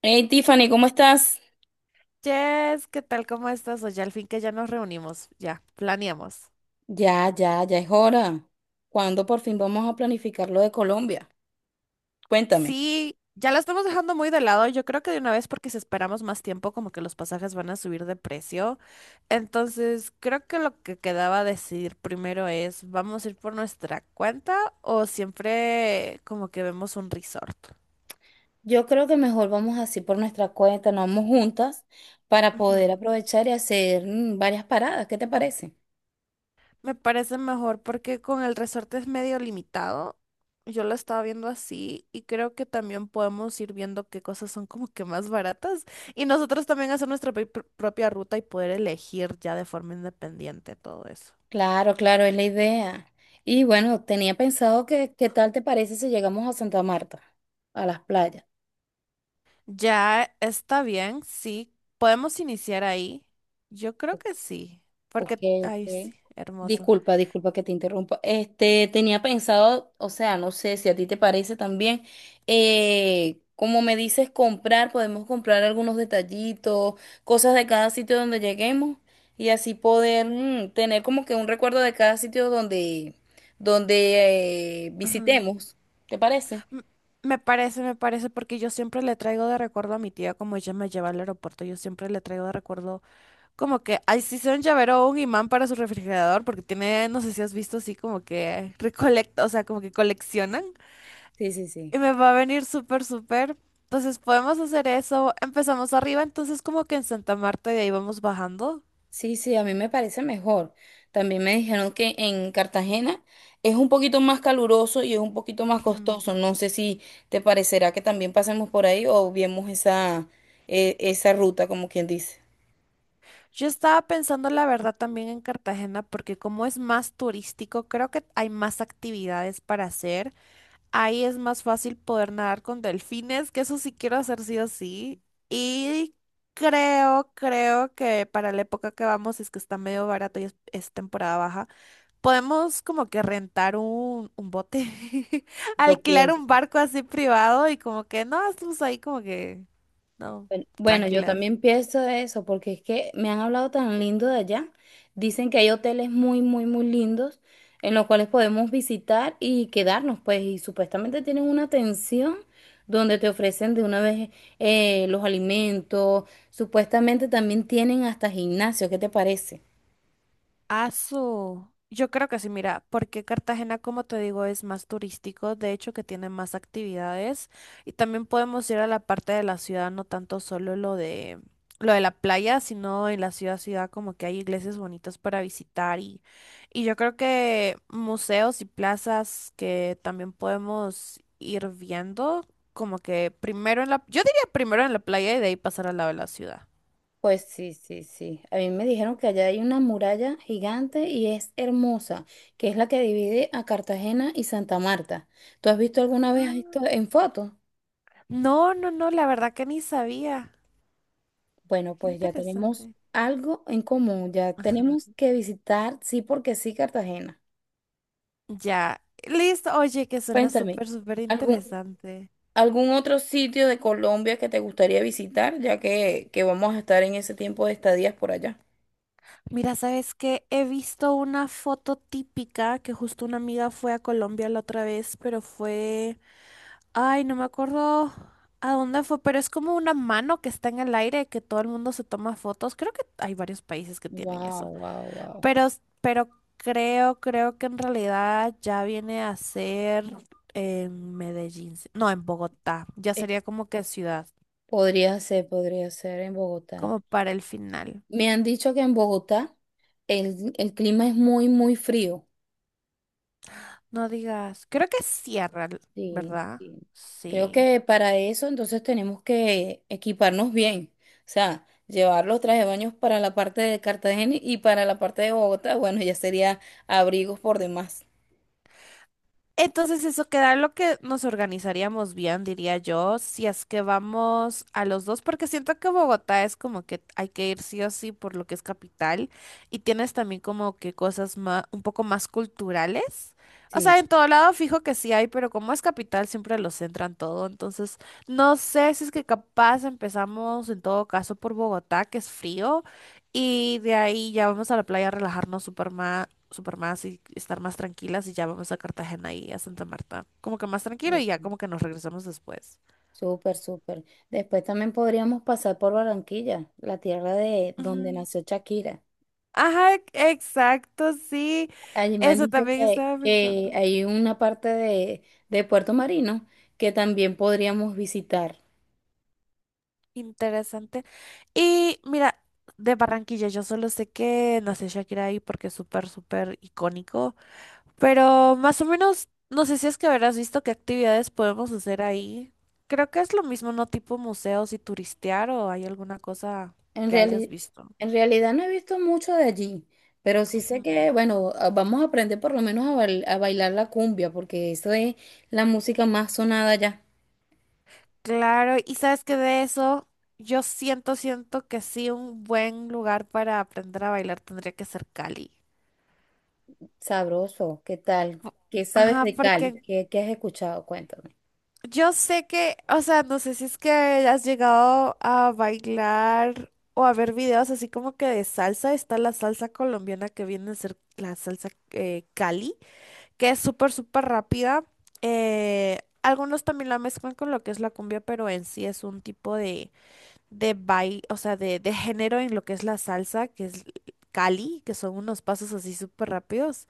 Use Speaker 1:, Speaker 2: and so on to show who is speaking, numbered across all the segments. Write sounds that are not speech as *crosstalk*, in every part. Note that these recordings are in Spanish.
Speaker 1: Hey Tiffany, ¿cómo estás?
Speaker 2: Jess, ¿qué tal? ¿Cómo estás? Oye, al fin que ya nos reunimos, ya, planeamos.
Speaker 1: Ya, ya, ya es hora. ¿Cuándo por fin vamos a planificar lo de Colombia? Cuéntame.
Speaker 2: Sí, ya la estamos dejando muy de lado. Yo creo que de una vez, porque si esperamos más tiempo, como que los pasajes van a subir de precio. Entonces, creo que lo que quedaba decidir primero es, ¿vamos a ir por nuestra cuenta o siempre como que vemos un resort?
Speaker 1: Yo creo que mejor vamos así por nuestra cuenta, nos vamos juntas para poder
Speaker 2: Ujú.
Speaker 1: aprovechar y hacer varias paradas. ¿Qué te parece?
Speaker 2: Me parece mejor porque con el resorte es medio limitado. Yo lo estaba viendo así y creo que también podemos ir viendo qué cosas son como que más baratas y nosotros también hacer nuestra propia ruta y poder elegir ya de forma independiente todo eso.
Speaker 1: Claro, claro, es la idea. Y bueno, tenía pensado que, ¿qué tal te parece si llegamos a Santa Marta, a las playas?
Speaker 2: Ya está bien, sí. ¿Podemos iniciar ahí? Yo creo que sí,
Speaker 1: Ok,
Speaker 2: porque, ay, sí,
Speaker 1: ok.
Speaker 2: hermoso.
Speaker 1: Disculpa, disculpa que te interrumpa. Este, tenía pensado, o sea, no sé si a ti te parece también, como me dices comprar, podemos comprar algunos detallitos, cosas de cada sitio donde lleguemos y así poder tener como que un recuerdo de cada sitio donde, donde
Speaker 2: Ajá.
Speaker 1: visitemos. ¿Te parece?
Speaker 2: M- me parece, porque yo siempre le traigo de recuerdo a mi tía, como ella me lleva al aeropuerto, yo siempre le traigo de recuerdo. Como que, ay, sí, sea un llavero o un imán para su refrigerador, porque tiene, no sé si has visto así como que recolecta, o sea, como que coleccionan.
Speaker 1: Sí, sí, sí.
Speaker 2: Y me va a venir súper, súper. Entonces podemos hacer eso. Empezamos arriba, entonces como que en Santa Marta y de ahí vamos bajando.
Speaker 1: Sí, sí, a mí me parece mejor. También me dijeron que en Cartagena es un poquito más caluroso y es un poquito más
Speaker 2: Hmm.
Speaker 1: costoso. No sé si te parecerá que también pasemos por ahí o viemos esa, esa ruta, como quien dice.
Speaker 2: Yo estaba pensando la verdad también en Cartagena, porque como es más turístico, creo que hay más actividades para hacer. Ahí es más fácil poder nadar con delfines, que eso sí quiero hacer sí o sí. Y creo, creo que para la época que vamos, es que está medio barato y es temporada baja, podemos como que rentar un bote, *laughs*
Speaker 1: Yo
Speaker 2: alquilar un
Speaker 1: pienso.
Speaker 2: barco así privado y como que no, estamos ahí como que, no,
Speaker 1: Bueno, bueno, yo
Speaker 2: tranquilas.
Speaker 1: también pienso eso, porque es que me han hablado tan lindo de allá. Dicen que hay hoteles muy, muy, muy lindos en los cuales podemos visitar y quedarnos, pues, y supuestamente tienen una atención donde te ofrecen de una vez los alimentos, supuestamente también tienen hasta gimnasio, ¿qué te parece?
Speaker 2: Azul. Yo creo que sí, mira, porque Cartagena, como te digo, es más turístico, de hecho que tiene más actividades y también podemos ir a la parte de la ciudad, no tanto solo lo de la playa, sino en la ciudad, ciudad como que hay iglesias bonitas para visitar y yo creo que museos y plazas que también podemos ir viendo, como que primero en la, yo diría primero en la playa y de ahí pasar al lado de la ciudad.
Speaker 1: Pues sí, sí, sí. A mí me dijeron que allá hay una muralla gigante y es hermosa, que es la que divide a Cartagena y Santa Marta. ¿Tú has visto alguna vez esto
Speaker 2: Ah.
Speaker 1: en fotos?
Speaker 2: No, no, no, la verdad que ni sabía.
Speaker 1: Bueno,
Speaker 2: Qué
Speaker 1: pues ya tenemos
Speaker 2: interesante.
Speaker 1: algo en común, ya tenemos que visitar, sí porque sí, Cartagena.
Speaker 2: Ya, listo. Oye, que suena
Speaker 1: Cuéntame,
Speaker 2: súper, súper
Speaker 1: ¿algún,
Speaker 2: interesante.
Speaker 1: algún otro sitio de Colombia que te gustaría visitar, ya que vamos a estar en ese tiempo de estadías por allá?
Speaker 2: Mira, ¿sabes qué? He visto una foto típica que justo una amiga fue a Colombia la otra vez, pero fue… Ay, no me acuerdo a dónde fue, pero es como una mano que está en el aire que todo el mundo se toma fotos. Creo que hay varios países que tienen
Speaker 1: Wow,
Speaker 2: eso.
Speaker 1: wow, wow.
Speaker 2: Pero, pero creo, creo que en realidad ya viene a ser en Medellín. No, en Bogotá. Ya sería como que ciudad,
Speaker 1: Podría ser, podría ser en Bogotá.
Speaker 2: como para el final.
Speaker 1: Me han dicho que en Bogotá el clima es muy, muy frío.
Speaker 2: No digas, creo que cierra,
Speaker 1: Sí,
Speaker 2: ¿verdad?
Speaker 1: sí. Creo
Speaker 2: Sí.
Speaker 1: que para eso entonces tenemos que equiparnos bien, o sea, llevar los trajes de baños para la parte de Cartagena y para la parte de Bogotá, bueno, ya sería abrigos por demás.
Speaker 2: Entonces eso queda lo que nos organizaríamos bien, diría yo, si es que vamos a los dos, porque siento que Bogotá es como que hay que ir sí o sí por lo que es capital y tienes también como que cosas más, un poco más culturales. O sea,
Speaker 1: Sí,
Speaker 2: en todo lado fijo que sí hay, pero como es capital siempre lo centran todo, entonces no sé si es que capaz empezamos en todo caso por Bogotá, que es frío, y de ahí ya vamos a la playa a relajarnos súper más y estar más tranquilas y ya vamos a Cartagena y a Santa Marta. Como que más tranquilo y ya
Speaker 1: ok.
Speaker 2: como que nos regresamos después.
Speaker 1: Súper, súper. Después también podríamos pasar por Barranquilla, la tierra de donde
Speaker 2: Ujú.
Speaker 1: nació Shakira.
Speaker 2: Ajá, exacto, sí.
Speaker 1: Allí me han
Speaker 2: Eso
Speaker 1: dicho
Speaker 2: también estaba
Speaker 1: que
Speaker 2: pensando.
Speaker 1: hay una parte de Puerto Marino que también podríamos visitar.
Speaker 2: Interesante. Y mira, de Barranquilla, yo solo sé que nació Shakira ahí porque es súper, súper icónico. Pero más o menos, no sé si es que habrás visto qué actividades podemos hacer ahí. Creo que es lo mismo, ¿no? Tipo museos y turistear o hay alguna cosa
Speaker 1: En
Speaker 2: que hayas
Speaker 1: reali-
Speaker 2: visto.
Speaker 1: en realidad no he visto mucho de allí, pero sí sé que,
Speaker 2: Ujú.
Speaker 1: bueno, vamos a aprender por lo menos a, a bailar la cumbia, porque eso es la música más sonada ya.
Speaker 2: Claro, y sabes que de eso yo siento, siento que sí, un buen lugar para aprender a bailar tendría que ser Cali.
Speaker 1: Sabroso, ¿qué tal? ¿Qué sabes
Speaker 2: Ajá,
Speaker 1: de
Speaker 2: porque
Speaker 1: Cali? ¿Qué, qué has escuchado? Cuéntame.
Speaker 2: yo sé que, o sea, no sé si es que has llegado a bailar o a ver videos así como que de salsa, está la salsa colombiana que viene a ser la salsa Cali, que es súper, súper rápida. Algunos también la mezclan con lo que es la cumbia, pero en sí es un tipo de o sea, de género en lo que es la salsa, que es Cali, que son unos pasos así súper rápidos.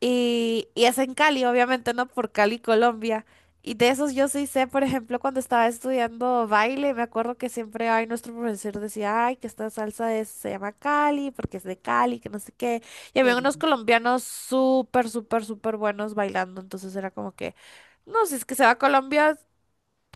Speaker 2: Y es en Cali, obviamente, ¿no? Por Cali, Colombia. Y de esos yo sí sé, por ejemplo, cuando estaba estudiando baile, me acuerdo que siempre, ay, nuestro profesor decía, ay, que esta se llama Cali, porque es de Cali, que no sé qué. Y había unos
Speaker 1: Sí.
Speaker 2: colombianos súper, súper, súper buenos bailando, entonces era como que, no, si es que se va a Colombia,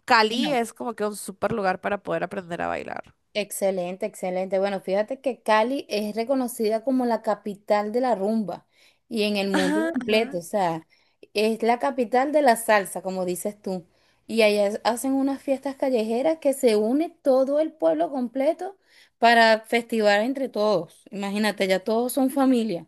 Speaker 2: Cali
Speaker 1: Bueno,
Speaker 2: es como que un súper lugar para poder aprender a bailar.
Speaker 1: excelente, excelente. Bueno, fíjate que Cali es reconocida como la capital de la rumba y en el mundo
Speaker 2: Ajá,
Speaker 1: completo,
Speaker 2: ajá.
Speaker 1: o sea, es la capital de la salsa, como dices tú. Y allá hacen unas fiestas callejeras que se une todo el pueblo completo para festivar entre todos. Imagínate, ya todos son familia.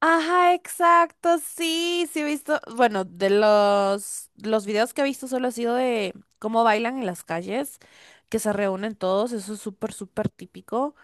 Speaker 2: Ajá, exacto, sí, sí he visto, bueno, de los videos que he visto solo ha sido de cómo bailan en las calles, que se reúnen todos, eso es súper, súper típico.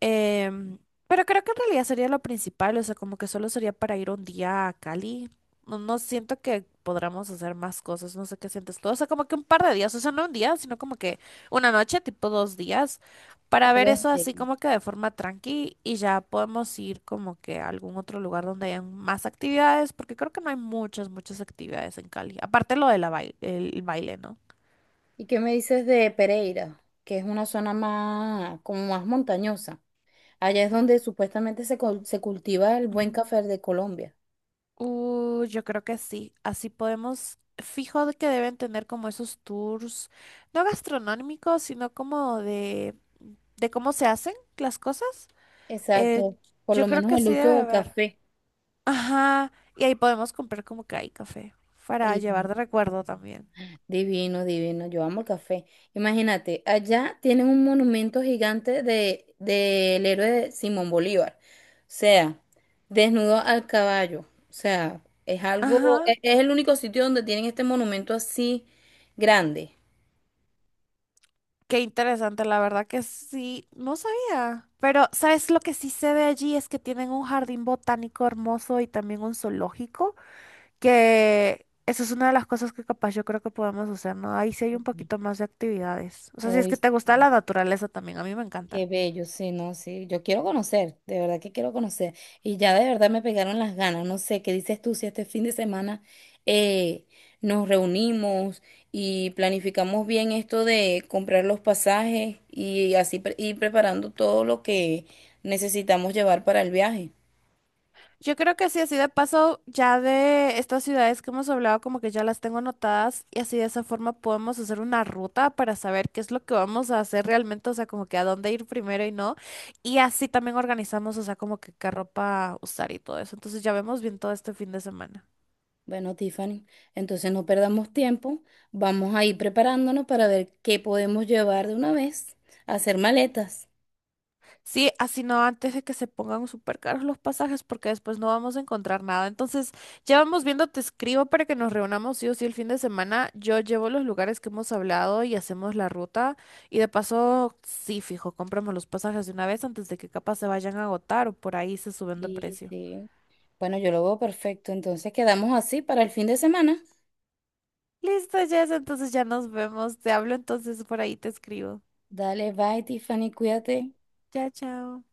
Speaker 2: Em, pero creo que en realidad sería lo principal, o sea, como que solo sería para ir un día a Cali. No, no siento que podamos hacer más cosas, no sé qué sientes tú. O sea, como que un par de días, o sea, no un día, sino como que una noche, tipo dos días, para ver
Speaker 1: Algo
Speaker 2: eso
Speaker 1: así.
Speaker 2: así como que de forma tranqui y ya podemos ir como que a algún otro lugar donde hayan más actividades, porque creo que no hay muchas, muchas actividades en Cali. Aparte lo de la baile, el baile, ¿no?
Speaker 1: ¿Y qué me dices de Pereira, que es una zona más, como más montañosa? Allá es donde supuestamente se, se cultiva el buen café de Colombia.
Speaker 2: Yo creo que sí. Así podemos, fijo de que deben tener como esos tours, no gastronómicos, sino como de cómo se hacen las cosas. Eh,
Speaker 1: Exacto, por
Speaker 2: yo
Speaker 1: lo
Speaker 2: creo
Speaker 1: menos
Speaker 2: que
Speaker 1: el
Speaker 2: sí
Speaker 1: uso
Speaker 2: debe
Speaker 1: del
Speaker 2: haber.
Speaker 1: café.
Speaker 2: Ajá. Y ahí podemos comprar como que hay café para llevar
Speaker 1: el-
Speaker 2: de recuerdo también.
Speaker 1: Divino, divino, yo amo el café. Imagínate, allá tienen un monumento gigante de, del héroe de Simón Bolívar, o sea, desnudo al caballo, o sea, es algo,
Speaker 2: Ajá.
Speaker 1: es el único sitio donde tienen este monumento así grande.
Speaker 2: Qué interesante, la verdad que sí. No sabía. Pero, ¿sabes lo que sí se ve allí? Es que tienen un jardín botánico hermoso y también un zoológico, que eso es una de las cosas que capaz yo creo que podemos hacer, ¿no? Ahí sí hay un poquito más de actividades. O sea, si es
Speaker 1: Uy,
Speaker 2: que te gusta la naturaleza también, a mí me encanta.
Speaker 1: qué bello, sí, no, sí. Yo quiero conocer, de verdad que quiero conocer. Y ya de verdad me pegaron las ganas. No sé, ¿qué dices tú si este fin de semana eh, nos reunimos y planificamos bien esto de comprar los pasajes y así ir preparando todo lo que necesitamos llevar para el viaje?
Speaker 2: Yo creo que sí, así de paso, ya de estas ciudades que hemos hablado, como que ya las tengo anotadas y así de esa forma podemos hacer una ruta para saber qué es lo que vamos a hacer realmente, o sea, como que a dónde ir primero y no. Y así también organizamos, o sea, como que qué ropa usar y todo eso. Entonces ya vemos bien todo este fin de semana.
Speaker 1: Bueno, Tiffany, entonces no perdamos tiempo. Vamos a ir preparándonos para ver qué podemos llevar de una vez, hacer maletas.
Speaker 2: Sí, así no antes de que se pongan súper caros los pasajes porque después no vamos a encontrar nada. Entonces, ya vamos viendo, te escribo para que nos reunamos sí o sí el fin de semana. Yo llevo los lugares que hemos hablado y hacemos la ruta. Y de paso, sí, fijo, compramos los pasajes de una vez antes de que capaz se vayan a agotar o por ahí se suben de
Speaker 1: Sí,
Speaker 2: precio.
Speaker 1: sí. Bueno, yo lo veo perfecto. Entonces quedamos así para el fin de semana.
Speaker 2: Listo, Jess, entonces ya nos vemos. Te hablo entonces por ahí, te escribo.
Speaker 1: Dale, bye, Tiffany, cuídate.
Speaker 2: Chao, chao.